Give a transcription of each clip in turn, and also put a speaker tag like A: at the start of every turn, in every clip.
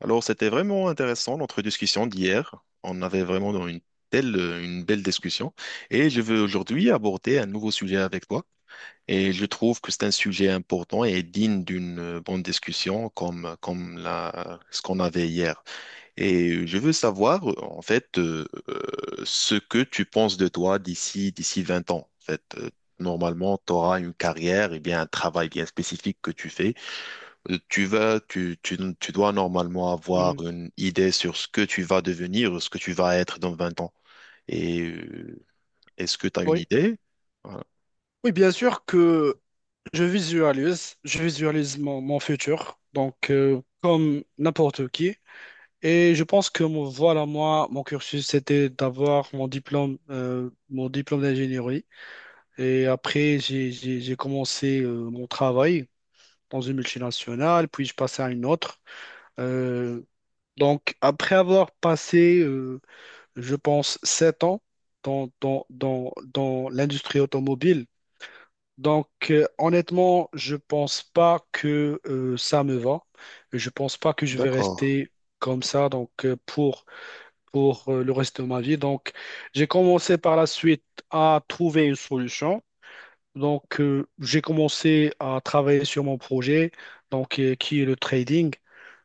A: Alors, c'était vraiment intéressant notre discussion d'hier. On avait vraiment une telle, une belle discussion. Et je veux aujourd'hui aborder un nouveau sujet avec toi. Et je trouve que c'est un sujet important et digne d'une bonne discussion comme ce qu'on avait hier. Et je veux savoir, en fait, ce que tu penses de toi d'ici 20 ans. En fait, normalement, tu auras une carrière et bien un travail bien spécifique que tu fais. Tu vas, tu dois normalement avoir
B: Mhm.
A: une idée sur ce que tu vas devenir, ce que tu vas être dans 20 ans. Et est-ce que tu as une
B: Oui.
A: idée? Voilà.
B: Oui, bien sûr que je visualise, je visualise mon futur, donc comme n'importe qui. Et je pense que voilà, moi, mon cursus, c'était d'avoir mon diplôme d'ingénierie. Et après, j'ai commencé mon travail dans une multinationale, puis je passais à une autre. Euh, donc, après avoir passé, je pense, 7 ans dans l'industrie automobile. Donc, honnêtement, je pense pas que ça me va. Je pense pas que je vais
A: D'accord.
B: rester comme ça donc pour pour le reste de ma vie. Donc, j'ai commencé par la suite à trouver une solution. Donc, j'ai commencé à travailler sur mon projet donc qui est le trading.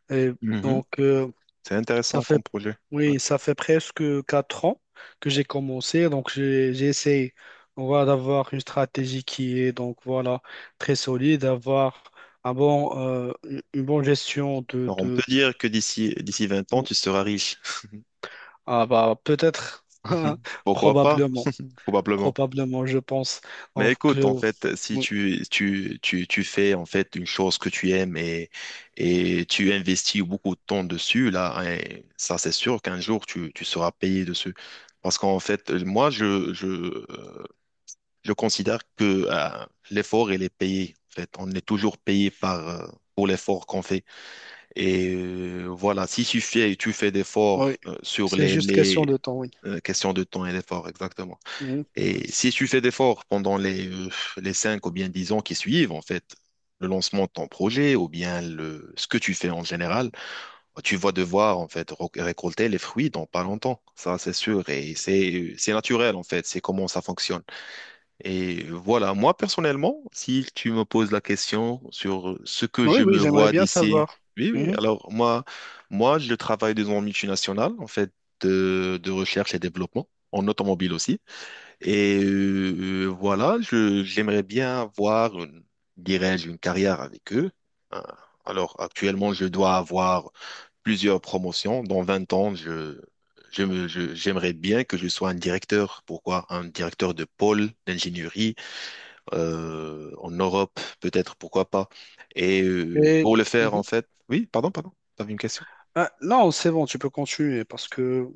B: Et
A: Mhm.
B: donc,
A: C'est
B: ça
A: intéressant
B: fait,
A: comme projet. Ouais.
B: oui, ça fait presque 4 ans que j'ai commencé. Donc, j'ai essayé, voilà, d'avoir une stratégie qui est, donc, voilà, très solide, d'avoir un bon, une bonne gestion de,
A: Alors, on peut
B: de,
A: dire que d'ici 20 ans,
B: ou-
A: tu seras riche.
B: ah, bah, peut-être,
A: Pourquoi pas?
B: probablement,
A: Probablement.
B: probablement, je pense.
A: Mais
B: Donc,
A: écoute, en fait, si
B: oui,
A: tu fais en fait une chose que tu aimes, et tu investis beaucoup de temps dessus, là, hein, ça c'est sûr qu'un jour tu seras payé dessus. Parce qu'en fait, moi, je considère que l'effort, il est payé. En fait, on est toujours payé par, pour l'effort qu'on fait. Et voilà, si tu fais, tu fais
B: oui,
A: d'efforts sur
B: c'est
A: les,
B: juste question
A: les
B: de temps, oui.
A: euh, questions de temps et d'effort, exactement.
B: Mhm.
A: Et si tu fais d'efforts pendant les 5 ou bien 10 ans qui suivent, en fait, le lancement de ton projet ou bien le, ce que tu fais en général, tu vas devoir, en fait, récolter les fruits dans pas longtemps. Ça, c'est sûr. Et c'est naturel, en fait. C'est comment ça fonctionne. Et voilà. Moi, personnellement, si tu me poses la question sur ce que
B: Oui,
A: je
B: oui,
A: me
B: j'aimerais
A: vois
B: bien
A: d'ici,
B: savoir.
A: oui, oui.
B: Mhm.
A: Alors, moi, je travaille dans une multinationale, en fait, de recherche et développement, en automobile aussi. Et voilà, je, j'aimerais bien avoir une, dirais-je, une carrière avec eux. Euh, Alors, actuellement, je dois avoir plusieurs promotions. Dans 20 ans, j'aimerais bien que je sois un directeur. Pourquoi? Un directeur de pôle d'ingénierie en Europe, peut-être, pourquoi pas. Et
B: Et,
A: pour le faire, en
B: mhm.
A: fait, oui, pardon, t'avais une question?
B: Ah, non, c'est bon, tu peux continuer parce que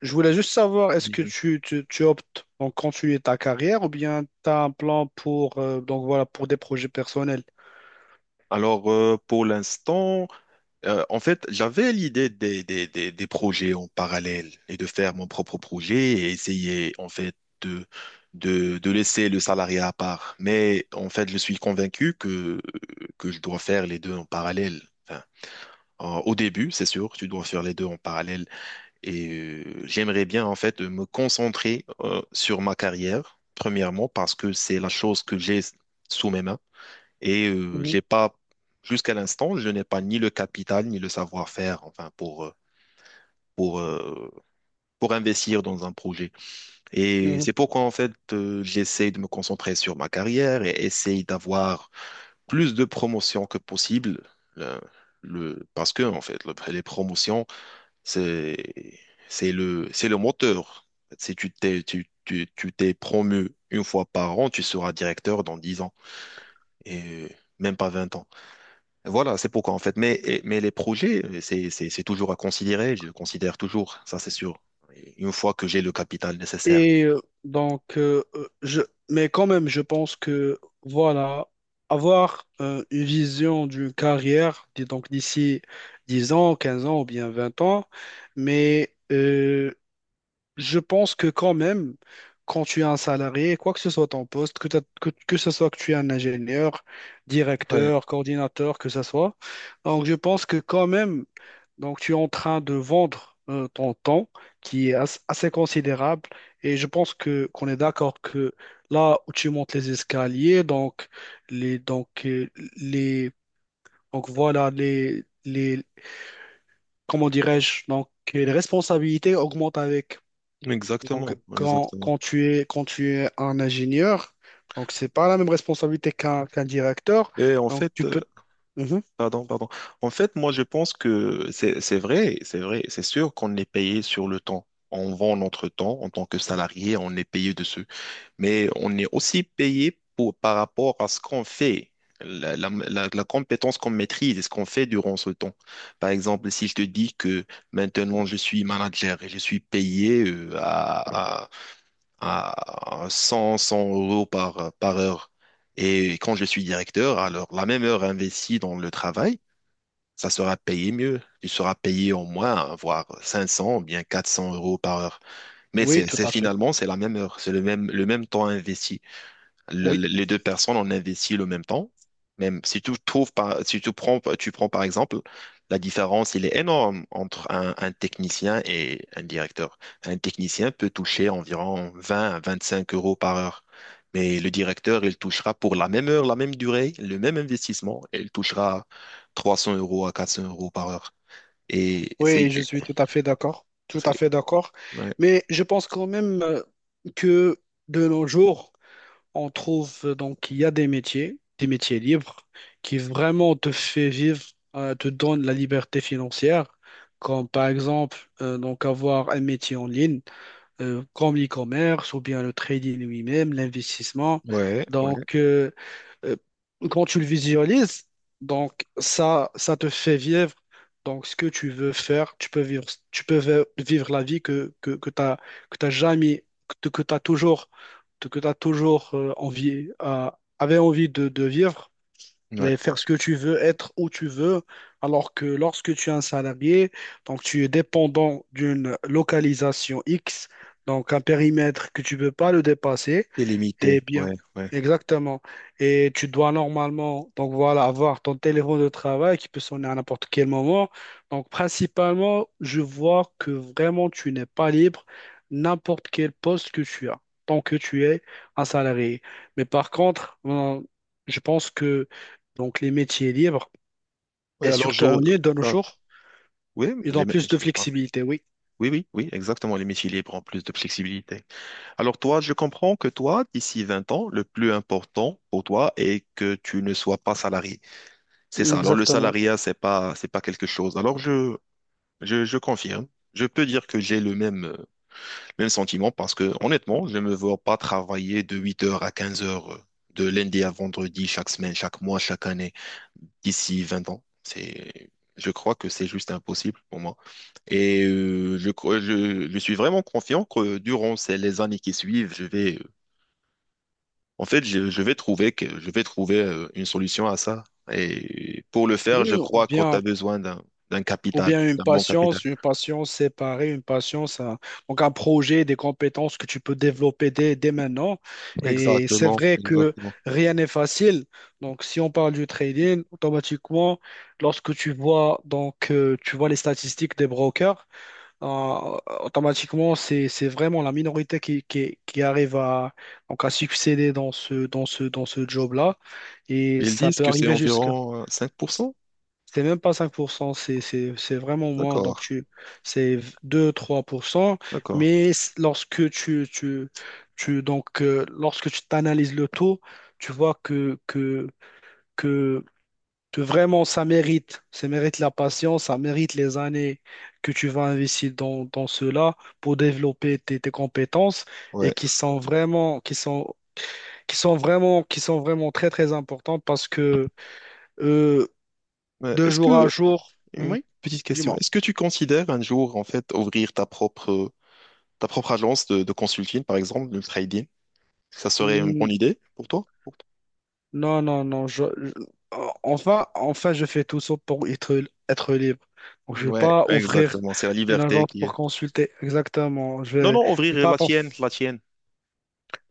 B: je voulais juste savoir, est-ce que
A: Mhm.
B: tu optes donc continuer ta carrière ou bien tu as un plan pour, donc voilà, pour des projets personnels?
A: Alors, pour l'instant, en fait, j'avais l'idée des projets en parallèle et de faire mon propre projet et essayer en fait de, de laisser le salariat à part. Mais en fait, je suis convaincu que je dois faire les deux en parallèle. Enfin, au début, c'est sûr, tu dois faire les deux en parallèle. Et j'aimerais bien en fait me concentrer sur ma carrière, premièrement, parce que c'est la chose que j'ai sous mes mains. Et
B: Mhm,
A: j'ai pas, jusqu'à l'instant, je n'ai pas ni le capital ni le savoir-faire, enfin, pour, pour, euh, pour investir dans un projet. Et
B: mhm.
A: c'est pourquoi, en fait, j'essaie de me concentrer sur ma carrière et essaye d'avoir plus de promotions que possible. Le, Parce que, en fait, les promotions, c'est, c'est c'est le moteur. Si tu t'es promu une fois par an, tu seras directeur dans 10 ans et même pas 20 ans. Voilà, c'est pourquoi en fait. Mais, mais les projets, c'est toujours à considérer, je le considère toujours, ça c'est sûr. Et une fois que j'ai le capital nécessaire.
B: Et donc, je, mais quand même, je pense que, voilà, avoir une vision d'une carrière, dis donc d'ici 10 ans, 15 ans ou bien 20 ans, mais je pense que quand même, quand tu es un salarié, quoi que ce soit ton poste, que ce soit que tu es un ingénieur,
A: Ouais.
B: directeur, coordinateur, que ce soit, donc je pense que quand même, donc tu es en train de vendre ton temps, qui est assez considérable, et je pense que qu'on est d'accord que là où tu montes les escaliers, donc les donc les donc voilà les comment dirais-je donc les responsabilités augmentent avec donc,
A: Exactement, exactement.
B: quand tu es un ingénieur, donc c'est pas la même responsabilité qu'un directeur.
A: Et en
B: Donc, tu
A: fait,
B: peux. Mhm.
A: Pardon. En fait, moi, je pense que c'est vrai, c'est sûr qu'on est payé sur le temps. On vend notre temps en tant que salarié, on est payé dessus. Mais on est aussi payé pour, par rapport à ce qu'on fait, la compétence qu'on maîtrise et ce qu'on fait durant ce temps. Par exemple, si je te dis que maintenant je suis manager et je suis payé à 100, 100 € par heure. Et quand je suis directeur, alors la même heure investie dans le travail, ça sera payé mieux. Tu seras payé au moins, hein, voire 500, bien 400 € par heure. Mais
B: Oui, tout à fait.
A: finalement, c'est la même heure, c'est le même temps investi,
B: Oui,
A: les deux personnes ont investi le même temps. Même si tu trouves si tu prends par exemple, la différence, il est énorme entre un technicien et un directeur. Un technicien peut toucher environ 20 à 25 € par heure. Mais le directeur, il touchera pour la même heure, la même durée, le même investissement, et il touchera 300 à 400 € par heure. Et
B: oui, je suis tout à fait d'accord. Tout
A: c'est,
B: à fait d'accord.
A: ouais,
B: Mais je pense quand même que de nos jours, on trouve donc il y a des métiers libres, qui vraiment te fait vivre, te donne la liberté financière, comme par exemple donc avoir un métier en ligne, comme l'e-commerce ou bien le trading lui-même, l'investissement.
A: ouais, ouais,
B: Donc, euh, quand tu le visualises, donc ça te fait vivre donc ce que tu veux faire. Tu peux vivre, tu peux vivre la vie que, que tu as, que t'as jamais, que, tu as toujours, que t'as toujours euh, envie, avait envie de vivre et
A: ouais.
B: faire ce que tu veux, être où tu veux, alors que lorsque tu es un salarié, donc tu es dépendant d'une localisation X, donc un périmètre que tu ne peux pas le dépasser.
A: C'est
B: Eh
A: limité,
B: bien,
A: ouais, ouais.
B: exactement. Et tu dois normalement, donc voilà, avoir ton téléphone de travail qui peut sonner à n'importe quel moment. Donc, principalement, je vois que vraiment tu n'es pas libre n'importe quel poste que tu as, tant que tu es un salarié. Mais par contre, je pense que donc les métiers libres,
A: Ouais,
B: et surtout en ligne de nos
A: ah,
B: jours,
A: oui,
B: ils
A: les,
B: ont plus de flexibilité, oui.
A: oui, oui, oui, exactement. Les métiers libres ont plus de flexibilité. Alors toi, je comprends que toi, d'ici 20 ans, le plus important pour toi est que tu ne sois pas salarié. C'est ça. Alors le
B: Exactement.
A: salariat, c'est pas quelque chose. Je confirme. Je peux dire que j'ai le même, même sentiment parce que honnêtement, je ne me vois pas travailler de 8h à 15h de lundi à vendredi chaque semaine, chaque mois, chaque année d'ici 20 ans. C'est, je crois que c'est juste impossible pour moi. Et je suis vraiment confiant que durant ces, les années qui suivent, je vais, je vais je vais trouver une solution à ça. Et pour le faire, je
B: Oui,
A: crois qu'on a besoin d'un
B: ou
A: capital,
B: bien
A: d'un bon capital.
B: une patience séparée, une patience, donc un projet, des compétences que tu peux développer dès maintenant. Et c'est
A: Exactement,
B: vrai que
A: exactement.
B: rien n'est facile. Donc, si on parle du trading, automatiquement, lorsque tu vois, donc, tu vois les statistiques des brokers, automatiquement, c'est vraiment la minorité qui arrive à, donc à succéder dans dans ce job-là. Et
A: Ils
B: ça
A: disent
B: peut
A: que c'est
B: arriver jusqu'à.
A: environ 5%.
B: C'est même pas 5%, c'est vraiment moins.
A: D'accord,
B: Donc, tu, c'est 2, 3%.
A: d'accord,
B: Mais lorsque donc, lorsque tu t'analyses le taux, tu vois que, que vraiment ça mérite la patience, ça mérite les années que tu vas investir dans, dans cela pour développer tes compétences et
A: ouais.
B: qui sont vraiment, qui sont, qui sont vraiment très très importantes parce que euh,
A: Ouais,
B: de jour à jour,
A: Une
B: oui,
A: petite question,
B: dis-moi.
A: est-ce que tu considères un jour, en fait, ouvrir ta propre agence de consulting, par exemple, de trading? Ça serait une
B: Hmm.
A: bonne idée pour toi?
B: Non, enfin, je fais tout ça pour être, être libre. Donc, je vais
A: Ouais,
B: pas ouvrir
A: exactement. C'est la
B: une
A: liberté
B: agence
A: qui
B: pour
A: est.
B: consulter. Exactement.
A: Non, non,
B: Je
A: ouvrir
B: vais pas attendre.
A: la tienne,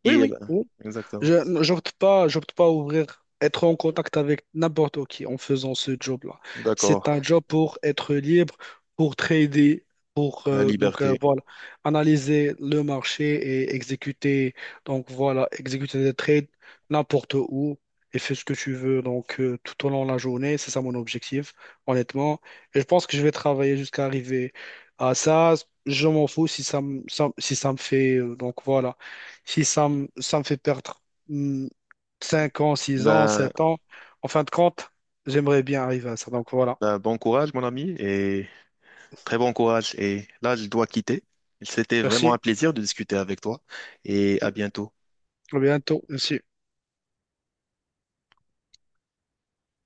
B: Oui,
A: qui est
B: oui.
A: là. Exactement.
B: Je j'opte pas à ouvrir, être en contact avec n'importe qui en faisant ce job-là. C'est
A: D'accord.
B: un job pour être libre, pour trader, pour
A: La
B: donc
A: liberté.
B: voilà, analyser le marché et exécuter donc voilà, exécuter des trades n'importe où et fais ce que tu veux donc tout au long de la journée. C'est ça mon objectif, honnêtement. Et je pense que je vais travailler jusqu'à arriver à ça. Je m'en fous si ça me, si ça me fait donc voilà si ça me, ça me fait perdre hmm, 5 ans, 6 ans,
A: Ben,
B: 7 ans. En fin de compte, j'aimerais bien arriver à ça. Donc voilà.
A: ben, bon courage, mon ami, et très bon courage. Et là, je dois quitter. C'était vraiment un
B: Merci.
A: plaisir de discuter avec toi, et à bientôt.
B: À bientôt. Merci.